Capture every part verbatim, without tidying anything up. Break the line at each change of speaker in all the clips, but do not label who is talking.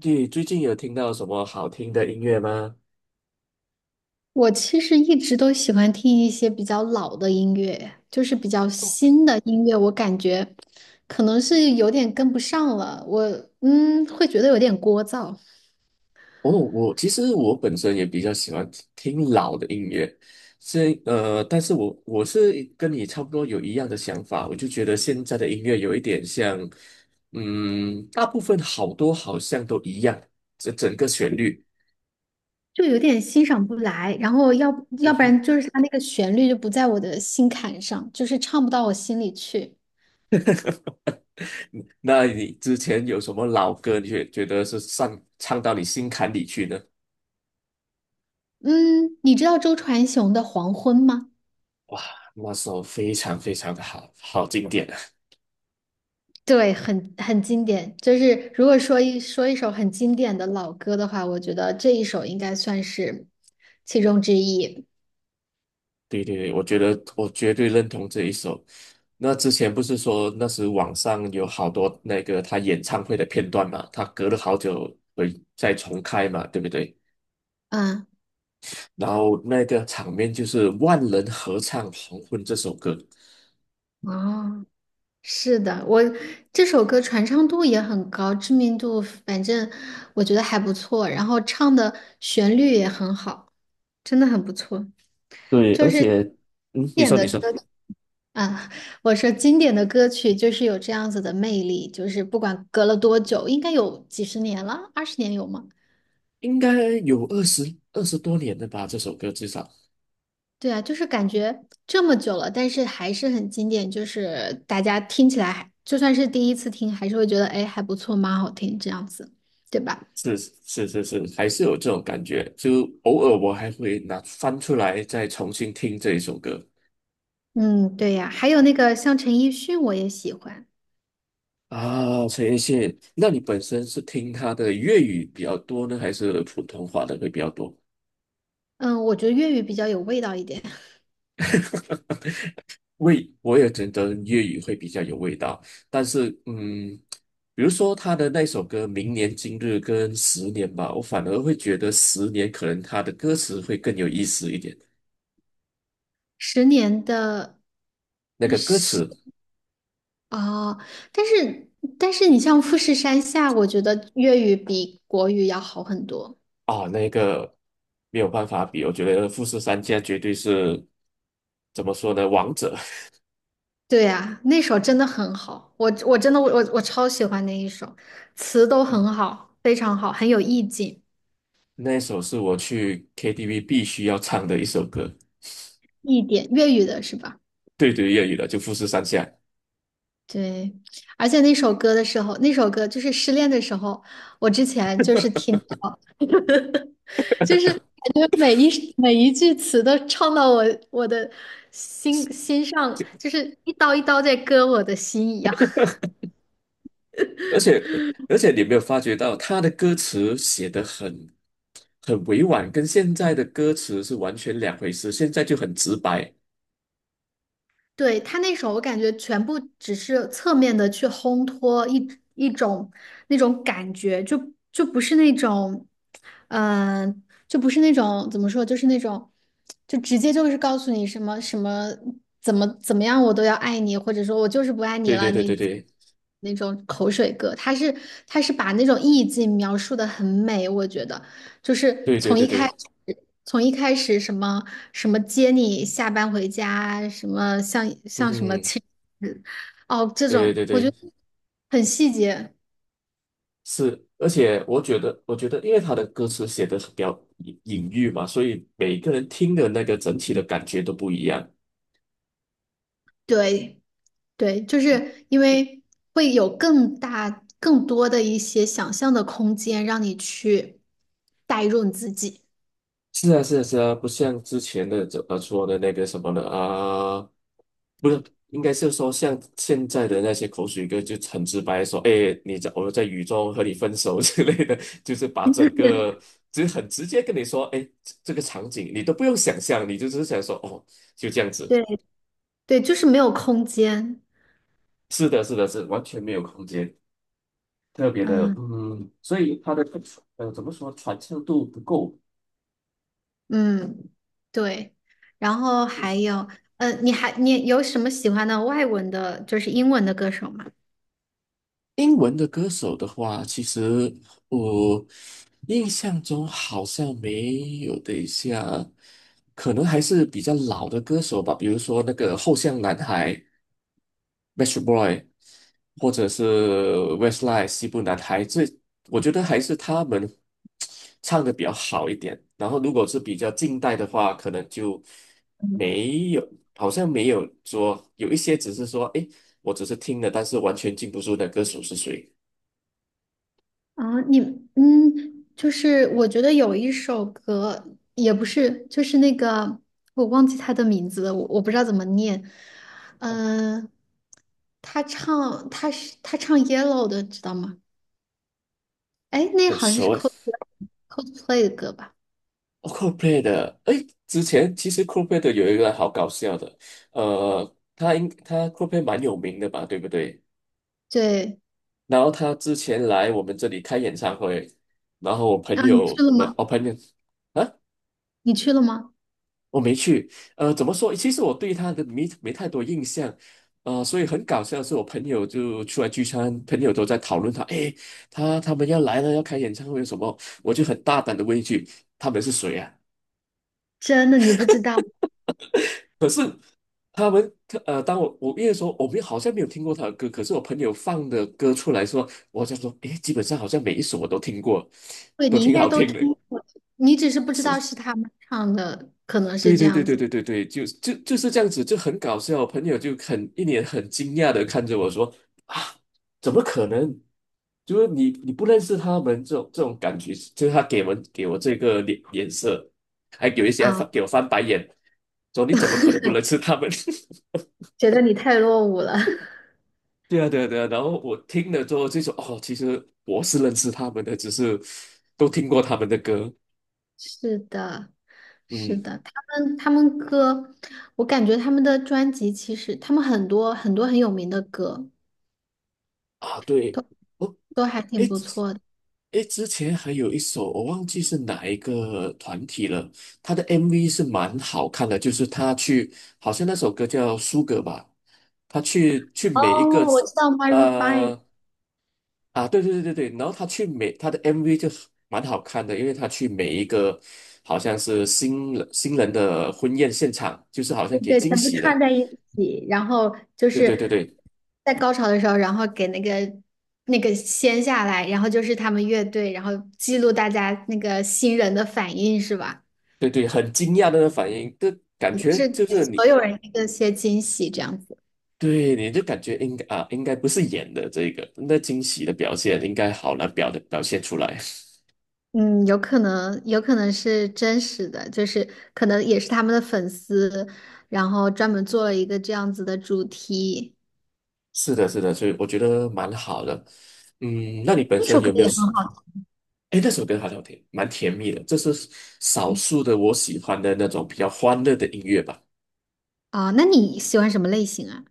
你最近有听到什么好听的音乐吗？
我其实一直都喜欢听一些比较老的音乐，就是比较新的音乐，我感觉可能是有点跟不上了。我嗯，会觉得有点聒噪，
哦，我其实我本身也比较喜欢听听老的音乐，是呃，但是我我是跟你差不多有一样的想法，我就觉得现在的音乐有一点像，嗯，大部分好多好像都一样，这整个旋律。
就有点欣赏不来。然后要要不然就是它那个旋律就不在我的心坎上，就是唱不到我心里去。
嗯那你之前有什么老歌，你觉觉得是上唱到你心坎里去呢？
嗯，你知道周传雄的《黄昏》吗？
那首非常非常的好，好经典啊。
对，很很经典。就是如果说一说一首很经典的老歌的话，我觉得这一首应该算是其中之一。
对对对，我觉得我绝对认同这一首。那之前不是说那时网上有好多那个他演唱会的片段嘛，他隔了好久会再重开嘛，对不对？
嗯，
然后那个场面就是万人合唱《黄昏》这首歌，
哦，是的，我这首歌传唱度也很高，知名度反正我觉得还不错，然后唱的旋律也很好，真的很不错。
对，而
就是经
且，嗯，你
典
说，
的
你
歌
说，
啊，我说经典的歌曲就是有这样子的魅力，就是不管隔了多久，应该有几十年了，二十年有吗？
应该有二十二十多年了吧？这首歌至少
对啊，就是感觉这么久了，但是还是很经典，就是大家听起来还就算是第一次听，还是会觉得哎还不错，蛮好听这样子，对吧？
是是是是，还是有这种感觉。就偶尔我还会拿翻出来再重新听这一首歌。
嗯，对呀，还有那个像陈奕迅，我也喜欢。
啊，陈奕迅，那你本身是听他的粤语比较多呢，还是普通话的会比较多？
嗯，我觉得粤语比较有味道一点。
味，我也觉得粤语会比较有味道，但是，嗯，比如说他的那首歌《明年今日》跟《十年》吧，我反而会觉得《十年》可能他的歌词会更有意思一点。
十年的，
那个歌
是
词
啊，哦但是但是你像富士山下，我觉得粤语比国语要好很多。
啊，那个没有办法比，我觉得富士山家绝对是怎么说呢，王者。
对呀，那首真的很好，我我真的我我我超喜欢那一首，词都很好，非常好，很有意境，
那首是我去 K T V 必须要唱的一首歌。
一点，粤语的是吧？
对对，粤语的就富士山下，
对，而且那首歌的时候，那首歌就是失恋的时候，我之前就是听到，就是感觉每一每一句词都唱到我我的心心上，就是一刀一刀在割我的心一样。
而且而且你有没有发觉到他的歌词写得很很委婉，跟现在的歌词是完全两回事，现在就很直白。
对，他那首，我感觉全部只是侧面的去烘托一一种那种感觉，就就不是那种，嗯、就不是那种怎么说，就是那种，就直接就是告诉你什么什么怎么怎么样，我都要爱你，或者说我就是不爱你
对对
了，
对对
你
对
那种口水歌，他是他是把那种意境描述的很美，我觉得。就是
对对
从
对
一开始，
对，
从一开始什么什么接你下班回家，什么像
嗯
像什么
哼，
亲，哦，这
对
种
对
我
对，
觉得很细节。
是，而且我觉得，我觉得，因为他的歌词写的比较隐隐喻嘛，所以每个人听的那个整体的感觉都不一样。
对对，就是因为会有更大、更多的一些想象的空间，让你去代入你自己。
是啊，是啊，是啊，不像之前的怎么说的那个什么的啊，不是，应该是说像现在的那些口水歌，就很直白地说，哎，你在我在雨中和你分手 之类的，就是把整个，就是很直接跟你说，哎，这这个场景你都不用想象，你就只是想说，哦，就这样子。
对对，就是没有空间。
是的，是的，是完全没有空间，特别的，
嗯。
嗯，所以它的呃怎么说传唱度不够。
嗯，对，然后还有，呃，你还你有什么喜欢的外文的，就是英文的歌手吗？
英文的歌手的话，其实我印象中好像没有。等一下可能还是比较老的歌手吧，比如说那个后巷男孩 m e t r Boy），或者是 Westlife 西部男孩，这我觉得还是他们唱的比较好一点。然后，如果是比较近代的话，可能就没有，好像没有说有一些只是说，诶，我只是听了，但是完全记不住那歌手是谁。
啊，你嗯，就是我觉得有一首歌，也不是，就是那个我忘记他的名字了，我我不知道怎么念，嗯、呃他唱他是他唱《Yellow》的，知道吗？哎，那
很
好像是
熟
Coldplay
诶。
Coldplay 的歌吧？
哦，Coldplay 的，诶，之前其实 Coldplay 的有一个好搞笑的，呃，他应他 Coldplay 蛮有名的吧，对不对？
对，
然后他之前来我们这里开演唱会，然后我朋
啊，你
友
去了
们，
吗？
我朋友啊，
你去了吗？
我没去，呃，怎么说？其实我对他的没没太多印象，呃，所以很搞笑的是，我朋友就出来聚餐，朋友都在讨论他，诶，他他们要来了，要开演唱会什么，我就很大胆的问一句，他们是谁啊？
真的，你不知道。
可是他们呃，当我我因为说我们好像没有听过他的歌，可是我朋友放的歌出来说，我就说，诶，基本上好像每一首我都听过，
对，
都
你应
挺
该
好
都
听
听
的。
过，你只是不知道是他们唱的，可能是
对
这
对对
样
对
子
对对对，就就就是这样子，就很搞笑。我朋友就很一脸很惊讶的看着我说：“啊，怎么可能？就是你你不认识他们这种这种感觉，就是他给我们给我这个脸脸色，还有一些还
啊，
翻给我翻白眼，说你怎么可能不认识他们？”
觉得你太落伍了。
对啊，对啊，对啊。然后我听了之后就说，哦，其实我是认识他们的，只是都听过他们的歌。
是的，是
嗯，
的，他们他们歌，我感觉他们的专辑其实他们很多很多很有名的歌
啊，对，
都
哦，
都还
诶，
挺不错的。
诶，之前还有一首我忘记是哪一个团体了，他的 M V 是蛮好看的，就是他去，好像那首歌叫《苏格》吧，他去去
哦，
每一个
我知道 m y r e o o n d
呃啊，对对对对对，然后他去每他的 M V 就蛮好看的，因为他去每一个好像是新人新人的婚宴现场，就是好像给
对，
惊
全部
喜
串
了。
在一起，然后就
对对对
是
对
在高潮的时候，然后给那个那个掀下来，然后就是他们乐队，然后记录大家那个新人的反应，是吧？
对对，很惊讶的反应，这感
就
觉
是
就
给
是
所
你
有人一个些惊喜，这样子。
对你就感觉应该啊，应该不是演的这个，那惊喜的表现应该好难表的表现出来。
嗯，有可能，有可能是真实的，就是可能也是他们的粉丝，然后专门做了一个这样子的主题。
是的，是的，所以我觉得蛮好的。嗯，那你本
那
身
首歌
有没有
也很好
哎，那首歌好像挺蛮甜蜜的，这是少
听
数的我喜欢的那种比较欢乐的音乐吧。
啊，那你喜欢什么类型啊？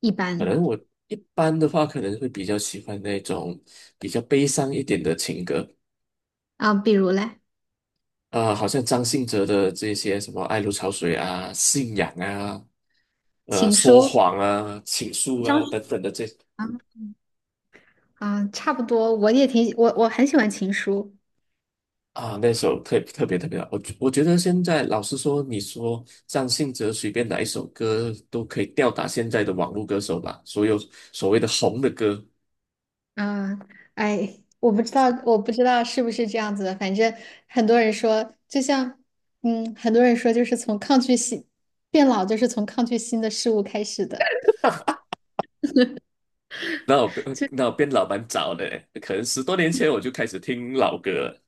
一
可
般
能我一般的话，可能会比较喜欢那种比较悲伤一点的情歌，
啊，比如嘞？
啊、好像张信哲的这些什么《爱如潮水》啊、《信仰》啊、呃、
情
说
书
谎啊、倾诉
张
啊
学
等等的这
啊啊，差不多，我也挺我我很喜欢情书
啊，那首特特别特别好，我觉我觉得现在老实说，你说张信哲随便哪一首歌都可以吊打现在的网络歌手吧？所有所谓的红的歌，
啊，哎，我不知道我不知道是不是这样子的，反正很多人说，就像嗯，很多人说就是从抗拒新变老，就是从抗拒新的事物开始的。
那我变那我变老蛮早的欸可能十多年前我就开始听老歌了。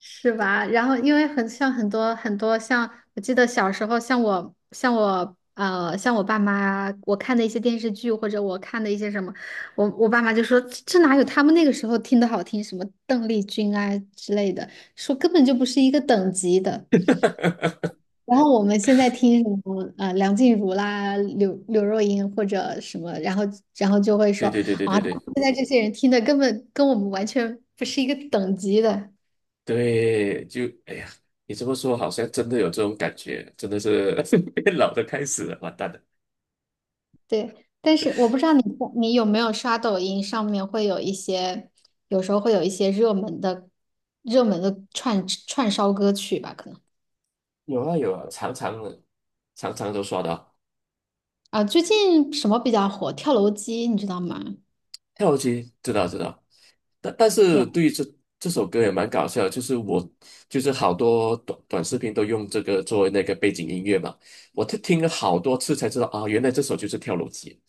是吧？然后因为很像很多很多像，我记得小时候像我像我呃像我爸妈，我看的一些电视剧或者我看的一些什么，我我爸妈就说这这哪有他们那个时候听的好听，什么邓丽君啊之类的，说根本就不是一个等级的。然后我们现在听什么啊呃梁静茹啦、刘刘若英或者什么，然后然后就会说
对对对对
啊，
对对
现在这些人听的根本跟我们完全不是一个等级的。
对，就哎呀，你这么说好像真的有这种感觉，真的是 变老的开始了，完蛋了。
对，但是我不知道你你有没有刷抖音，上面会有一些，有时候会有一些热门的、热门的串串烧歌曲吧，可能
有啊有啊，常常的常常都刷到。
啊，最近什么比较火？跳楼机，你知道吗？
跳机，知道知道。但但
对
是
啊，
对于这这首歌也蛮搞笑的就是我就是好多短短视频都用这个作为那个背景音乐嘛，我听听了好多次才知道啊，原来这首就是跳楼机。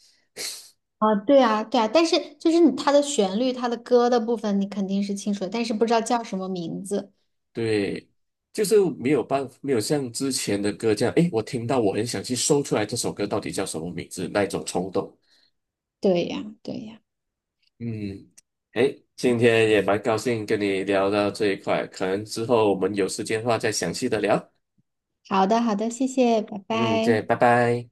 啊，对啊，对啊，但是就是你它的旋律、它的歌的部分，你肯定是清楚的，但是不知道叫什么名字。
对，就是没有办法，没有像之前的歌这样，诶，我听到我很想去搜出来这首歌到底叫什么名字那一种冲动。
对呀，对呀。
嗯，诶，今天也蛮高兴跟你聊到这一块，可能之后我们有时间的话再详细的聊。
好的，好的，谢谢，拜
嗯，对，
拜。
拜拜。